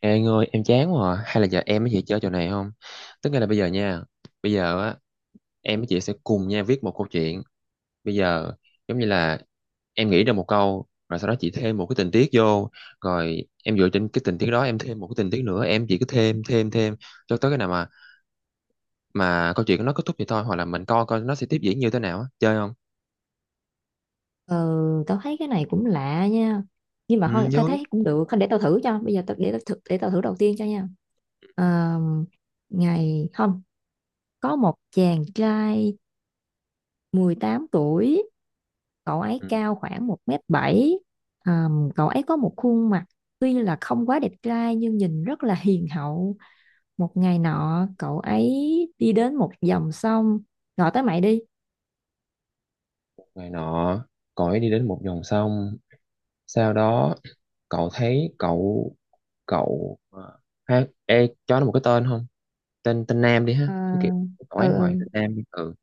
Ê anh ơi em chán quá à. Hay là giờ em với chị chơi trò này không? Tức nghĩa là bây giờ nha. Bây giờ á, em với chị sẽ cùng nhau viết một câu chuyện. Bây giờ giống như là em nghĩ ra một câu, rồi sau đó chị thêm một cái tình tiết vô, rồi em dựa trên cái tình tiết đó em thêm một cái tình tiết nữa. Em chỉ cứ thêm thêm thêm cho tới cái nào mà câu chuyện nó kết thúc vậy thôi. Hoặc là mình coi coi nó sẽ tiếp diễn như thế nào á. Chơi không? Ừ, tao thấy cái này cũng lạ nha. Nhưng mà Ừ, thôi, tao vui. thấy cũng được. Thôi để tao thử cho. Bây giờ tao, để tao thử đầu tiên cho nha. Ờ, ngày không, có một chàng trai 18 tuổi. Cậu ấy Ừ. cao khoảng 1m7. Cậu ấy có một khuôn mặt tuy là không quá đẹp trai nhưng nhìn rất là hiền hậu. Một ngày nọ, cậu ấy đi đến một dòng sông. Gọi tới mày đi. Ngày nọ, cõi đi đến một dòng sông, sau đó cậu thấy cậu cậu ờ, ha, ê, cho nó một cái tên không. Tên tên Nam đi ha, Ờ, chứ kiểu nói ngoài ừ, tên Nam đi. Ừ,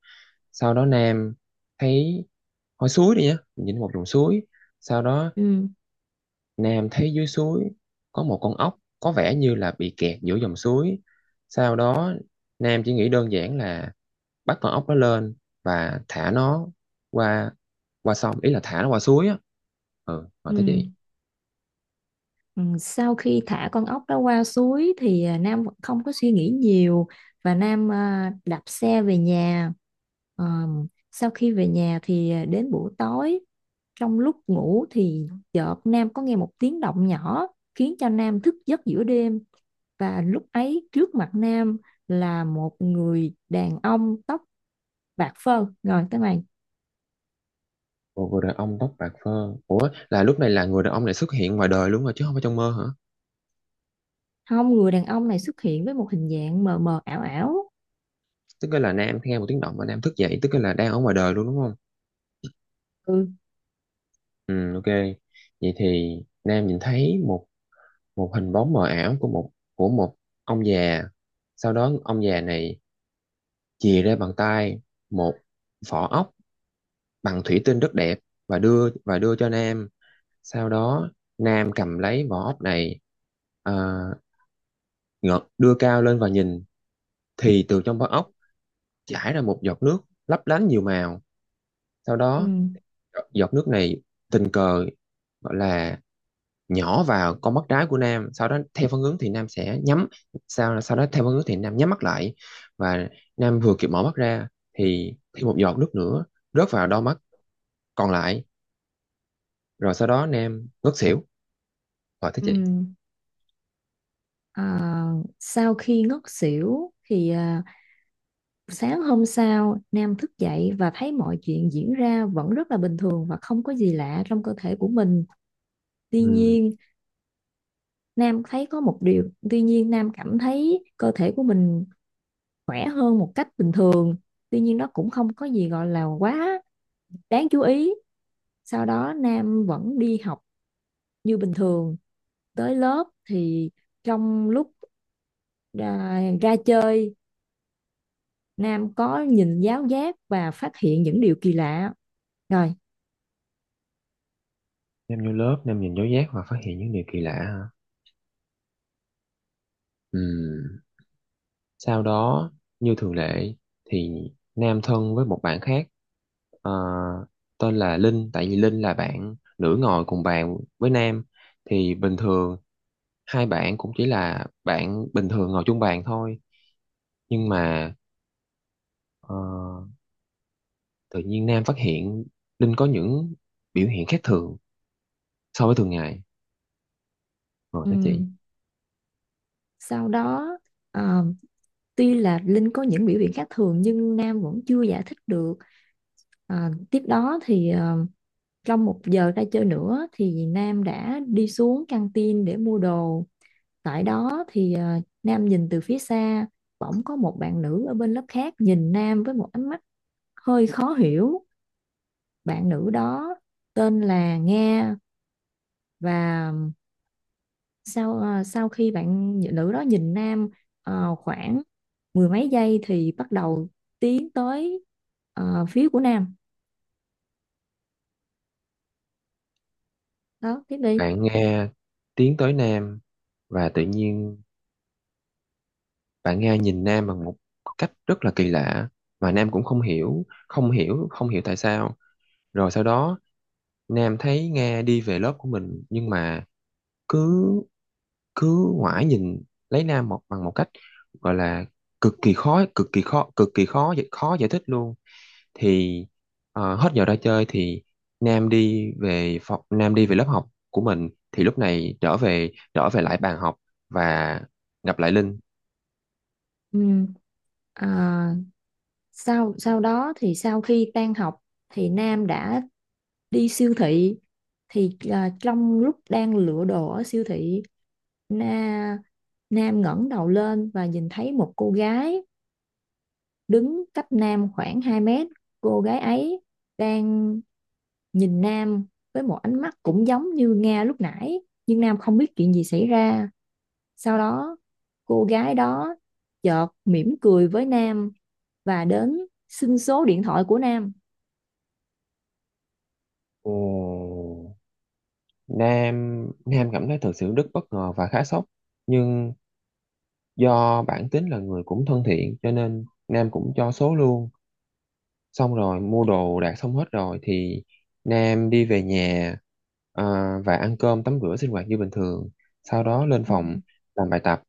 sau đó Nam thấy hồi suối đi nhá, nhìn một dòng suối. Sau đó ừ, Nam thấy dưới suối có một con ốc có vẻ như là bị kẹt giữa dòng suối. Sau đó Nam chỉ nghĩ đơn giản là bắt con ốc đó lên và thả nó qua qua sông, ý là thả nó qua suối á. Ừ, hỏi ừ, tới ừ. chị. Ừ, sau khi thả con ốc đó qua suối thì Nam vẫn không có suy nghĩ nhiều và Nam đạp xe về nhà. Sau khi về nhà thì đến buổi tối, trong lúc ngủ thì chợt Nam có nghe một tiếng động nhỏ khiến cho Nam thức giấc giữa đêm, và lúc ấy trước mặt Nam là một người đàn ông tóc bạc phơ. Rồi tới mày. Một người đàn ông tóc bạc phơ. Ủa, là lúc này là người đàn ông này xuất hiện ngoài đời luôn rồi chứ không phải trong mơ hả? Không, người đàn ông này xuất hiện với một hình dạng mờ mờ ảo ảo. Tức là Nam nghe một tiếng động và Nam thức dậy, tức là đang ở ngoài đời luôn đúng không? Ừ, Ừ, ok. Vậy thì Nam nhìn thấy một một hình bóng mờ ảo của một ông già. Sau đó ông già này chìa ra bằng tay một vỏ ốc bằng thủy tinh rất đẹp và đưa cho Nam. Sau đó Nam cầm lấy vỏ ốc này, uh, đưa cao lên và nhìn thì từ trong vỏ ốc chảy ra một giọt nước lấp lánh nhiều màu. Sau ừ, đó giọt nước này tình cờ, gọi là, nhỏ vào con mắt trái của Nam. Sau đó theo phản ứng thì Nam sẽ nhắm, sau sau đó theo phản ứng thì Nam nhắm mắt lại, và Nam vừa kịp mở mắt ra thì thêm một giọt nước nữa rớt vào đôi mắt còn lại, rồi sau đó Nam ngất xỉu. Rồi thế ừ. chị. Ờ, Sau khi ngất xỉu thì sáng hôm sau Nam thức dậy và thấy mọi chuyện diễn ra vẫn rất là bình thường và không có gì lạ trong cơ thể của mình. Tuy Ừ. nhiên Nam thấy có một điều, tuy nhiên Nam cảm thấy cơ thể của mình khỏe hơn một cách bình thường. Tuy nhiên đó cũng không có gì gọi là quá đáng chú ý. Sau đó Nam vẫn đi học như bình thường. Tới lớp thì trong lúc ra chơi, Nam có nhìn giáo giác và phát hiện những điều kỳ lạ. Rồi. Nam vô lớp, Nam nhìn dấu giác và phát hiện những điều kỳ lạ hả. Ừ. Sau đó, như thường lệ, thì Nam thân với một bạn khác, ờ, tên là Linh, tại vì Linh là bạn nữ ngồi cùng bàn với Nam. Thì bình thường hai bạn cũng chỉ là bạn bình thường ngồi chung bàn thôi. Nhưng mà ờ, tự nhiên Nam phát hiện Linh có những biểu hiện khác thường so với thường ngày. Rồi đó chị. ừm, Sau đó ờ, tuy là Linh có những biểu hiện khác thường nhưng Nam vẫn chưa giải thích được. Ờ, Tiếp đó thì trong một giờ ra chơi nữa thì Nam đã đi xuống căng tin để mua đồ. Tại đó thì Nam nhìn từ phía xa, bỗng có một bạn nữ ở bên lớp khác nhìn Nam với một ánh mắt hơi khó hiểu. Bạn nữ đó tên là Nga, và sau khi bạn nữ đó nhìn nam khoảng mười mấy giây thì bắt đầu tiến tới phía của nam. Đó tiếp đi. Bạn nghe, tiến tới Nam và tự nhiên bạn Nga nhìn Nam bằng một cách rất là kỳ lạ mà Nam cũng không hiểu tại sao. Rồi sau đó Nam thấy Nga đi về lớp của mình nhưng mà cứ cứ ngoái nhìn lấy Nam một bằng một cách, gọi là, cực kỳ khó cực kỳ khó cực kỳ khó khó giải thích luôn. Thì hết giờ ra chơi thì Nam đi về phòng, Nam đi về lớp học của mình, thì lúc này trở về lại bàn học và gặp lại Linh. Ừm, à, sau sau đó thì sau khi tan học thì nam đã đi siêu thị, thì trong lúc đang lựa đồ ở siêu thị, na, nam ngẩng đầu lên và nhìn thấy một cô gái đứng cách Nam khoảng 2 mét. Cô gái ấy đang nhìn Nam với một ánh mắt cũng giống như Nga lúc nãy, nhưng Nam không biết chuyện gì xảy ra. Sau đó, cô gái đó chợt mỉm cười với Nam và đến xin số điện thoại của Nam. Ồ. Nam Nam cảm thấy thật sự rất bất ngờ và khá sốc, nhưng do bản tính là người cũng thân thiện cho nên Nam cũng cho số luôn. Xong rồi mua đồ đạc xong hết rồi thì Nam đi về nhà, à, và ăn cơm tắm rửa sinh hoạt như bình thường, sau đó lên Ừ. phòng làm bài tập.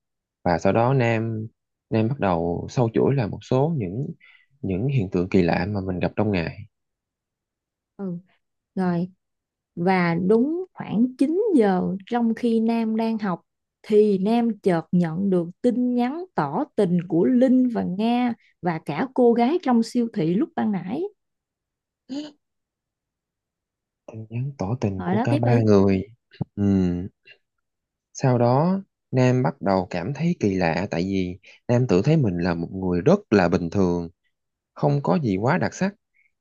Và sau đó Nam Nam bắt đầu sâu chuỗi là một số những hiện tượng kỳ lạ mà mình gặp trong ngày. Ừ. Rồi, và đúng khoảng 9 giờ trong khi Nam đang học thì Nam chợt nhận được tin nhắn tỏ tình của Linh và Nga và cả cô gái trong siêu thị lúc ban nãy. Tin nhắn tỏ tình Hỏi của đó cả tiếp ba đi. người. Ừ. Sau đó, Nam bắt đầu cảm thấy kỳ lạ tại vì Nam tự thấy mình là một người rất là bình thường, không có gì quá đặc sắc,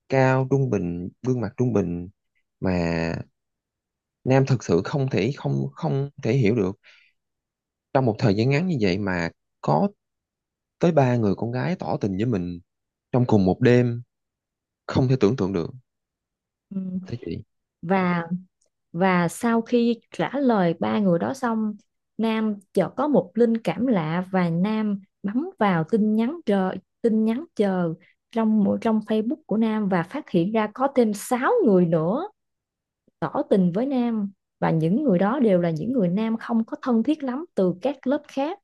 cao trung bình, gương mặt trung bình, mà Nam thực sự không thể hiểu được trong một thời gian ngắn như vậy mà có tới ba người con gái tỏ tình với mình trong cùng một đêm, không thể tưởng tượng được, Ừ. thế chị. Và và sau khi trả lời ba người đó xong, Nam chợt có một linh cảm lạ và Nam bấm vào tin nhắn chờ trong trong Facebook của Nam và phát hiện ra có thêm 6 người nữa tỏ tình với nam, và những người đó đều là những người nam không có thân thiết lắm từ các lớp khác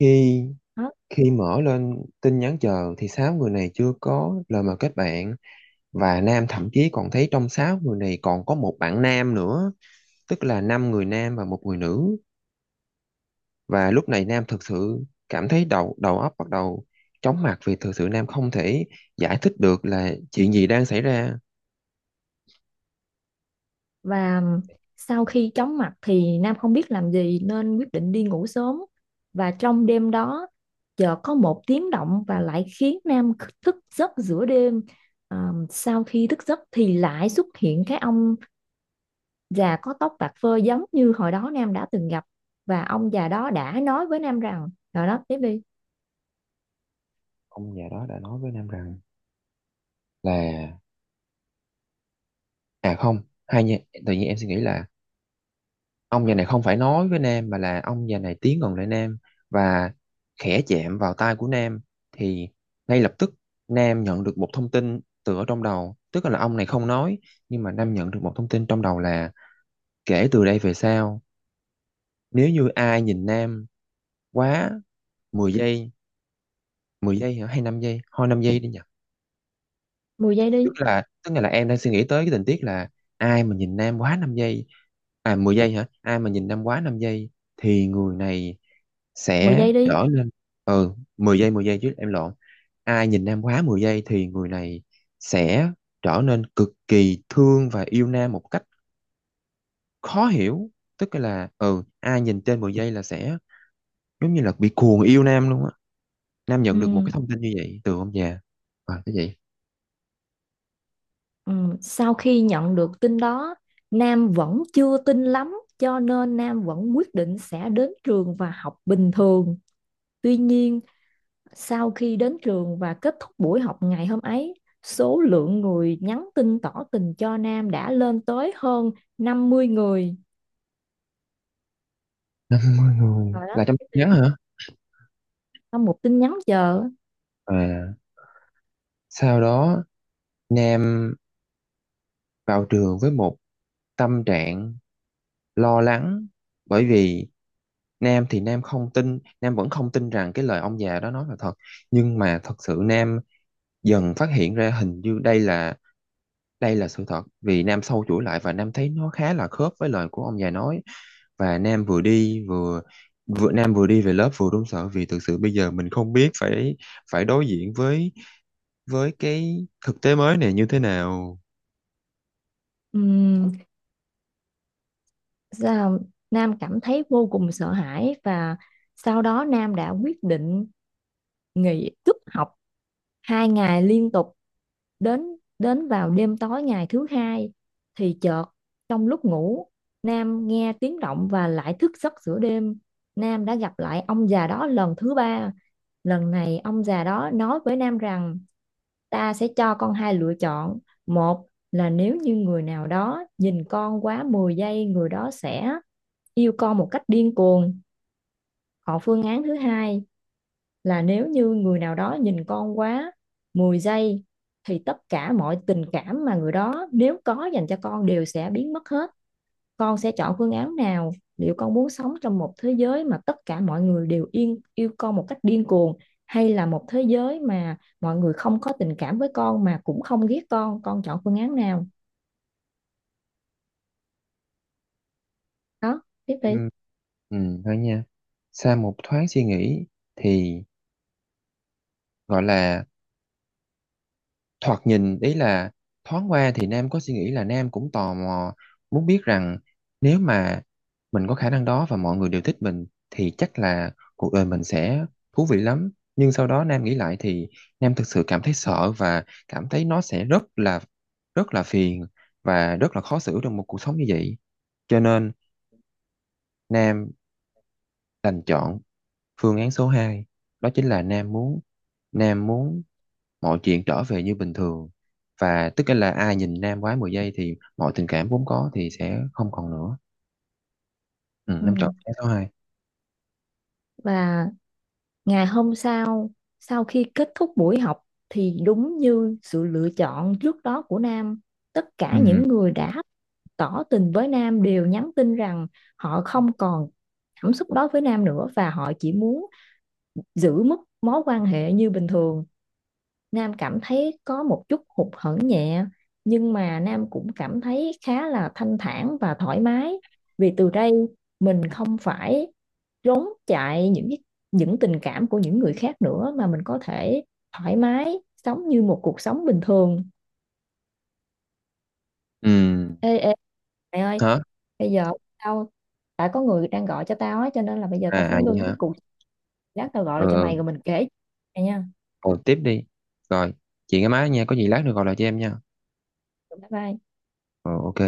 Khi đó. khi mở lên tin nhắn chờ thì sáu người này chưa có lời mời kết bạn, và nam thậm chí còn thấy trong sáu người này còn có một bạn nam nữa, tức là năm người nam và một người nữ. Và lúc này nam thực sự cảm thấy đầu đầu óc bắt đầu chóng mặt vì thực sự nam không thể giải thích được là chuyện gì đang xảy ra. Và sau khi chóng mặt thì nam không biết làm gì nên quyết định đi ngủ sớm, và trong đêm đó chợt có một tiếng động và lại khiến nam thức giấc giữa đêm. À, sau khi thức giấc thì lại xuất hiện cái ông già có tóc bạc phơ giống như hồi đó nam đã từng gặp, và ông già đó đã nói với nam rằng. Rồi đó tiếp đi. Ông già đó đã nói với nam rằng là, à không, hai nha, tự nhiên em suy nghĩ là ông già này không phải nói với Nam mà là ông già này tiến gần lại Nam và khẽ chạm vào tai của Nam, thì ngay lập tức Nam nhận được một thông tin từ ở trong đầu, tức là ông này không nói nhưng mà Nam nhận được một thông tin trong đầu là, kể từ đây về sau, nếu như ai nhìn Nam quá 10 giây, 10 giây hả, hay 5 giây thôi, 5 giây đi nhỉ. mười giây đi Tức là em đang suy nghĩ tới cái tình tiết là ai mà nhìn Nam quá 5 giây, à 10 giây hả, ai mà nhìn Nam quá 5 giây thì người này mười sẽ giây đi trở lên. Ừ, 10 giây, 10 giây chứ, em lộn. Ai nhìn Nam quá 10 giây thì người này sẽ trở nên cực kỳ thương và yêu Nam một cách khó hiểu, tức là, ừ, ai nhìn trên 10 giây là sẽ giống như là bị cuồng yêu Nam luôn á. Nam nhận được một Ừ. cái thông tin như vậy từ ông già. À, cái gì? Ừ, sau khi nhận được tin đó, Nam vẫn chưa tin lắm, cho nên Nam vẫn quyết định sẽ đến trường và học bình thường. Tuy nhiên, sau khi đến trường và kết thúc buổi học ngày hôm ấy, số lượng người nhắn tin tỏ tình cho Nam đã lên tới hơn 50 người. 50 người Rồi đó, là trong tin nhắn hả? sau một tin nhắn chờ. À. Sau đó, Nam vào trường với một tâm trạng lo lắng bởi vì Nam thì Nam không tin, Nam vẫn không tin rằng cái lời ông già đó nói là thật, nhưng mà thật sự Nam dần phát hiện ra hình như đây là sự thật vì Nam sâu chuỗi lại và Nam thấy nó khá là khớp với lời của ông già nói. Và Nam vừa đi về lớp vừa run sợ vì thực sự bây giờ mình không biết phải phải đối diện với cái thực tế mới này như thế nào. ừm, Dạ, Nam cảm thấy vô cùng sợ hãi và sau đó Nam đã quyết định nghỉ cúp học 2 ngày liên tục. Đến đến vào đêm tối ngày thứ hai thì chợt trong lúc ngủ, Nam nghe tiếng động và lại thức giấc giữa đêm. Nam đã gặp lại ông già đó lần thứ ba. Lần này ông già đó nói với Nam rằng: ta sẽ cho con hai lựa chọn. Một là nếu như người nào đó nhìn con quá 10 giây, người đó sẽ yêu con một cách điên cuồng. Còn phương án thứ hai là nếu như người nào đó nhìn con quá 10 giây thì tất cả mọi tình cảm mà người đó nếu có dành cho con đều sẽ biến mất hết. Con sẽ chọn phương án nào? Liệu con muốn sống trong một thế giới mà tất cả mọi người đều yêu con một cách điên cuồng, hay là một thế giới mà mọi người không có tình cảm với con mà cũng không ghét con? Con chọn phương án nào? Đó tiếp đi. Em Ừ, thôi nha. Sau một thoáng suy nghĩ thì, gọi là, thoạt nhìn ý là thoáng qua thì Nam có suy nghĩ là Nam cũng tò mò muốn biết rằng nếu mà mình có khả năng đó và mọi người đều thích mình thì chắc là cuộc đời mình sẽ thú vị lắm. Nhưng sau đó Nam nghĩ lại thì Nam thực sự cảm thấy sợ và cảm thấy nó sẽ rất là phiền và rất là khó xử trong một cuộc sống như vậy. Cho nên Nam đành chọn phương án số hai, đó chính là Nam muốn mọi chuyện trở về như bình thường, và tức là ai nhìn Nam quá 10 giây thì mọi tình cảm vốn có thì sẽ không còn nữa. Ừ, Nam chọn Ừ. phương án số hai. Và ngày hôm sau, sau khi kết thúc buổi học thì đúng như sự lựa chọn trước đó của Nam, tất cả những Ừ. người đã tỏ tình với Nam đều nhắn tin rằng họ không còn cảm xúc đó với Nam nữa và họ chỉ muốn giữ mức mối quan hệ như bình thường. Nam cảm thấy có một chút hụt hẫng nhẹ, nhưng mà Nam cũng cảm thấy khá là thanh thản và thoải mái vì từ đây mình không phải trốn chạy những tình cảm của những người khác nữa mà mình có thể thoải mái sống như một cuộc sống bình thường. Ừ. Ê ê mày ơi, Hả? bây giờ tao tại có người đang gọi cho tao á, cho nên là bây giờ À, tao phải à vậy ngưng cái hả? cuộc. Lát tao gọi lại cho Ờ, mày rồi mình kể mày nha. rồi tiếp đi. Rồi, chị nghe máy nha, có gì lát nữa gọi lại cho em nha. Bye bye. Ờ, ok.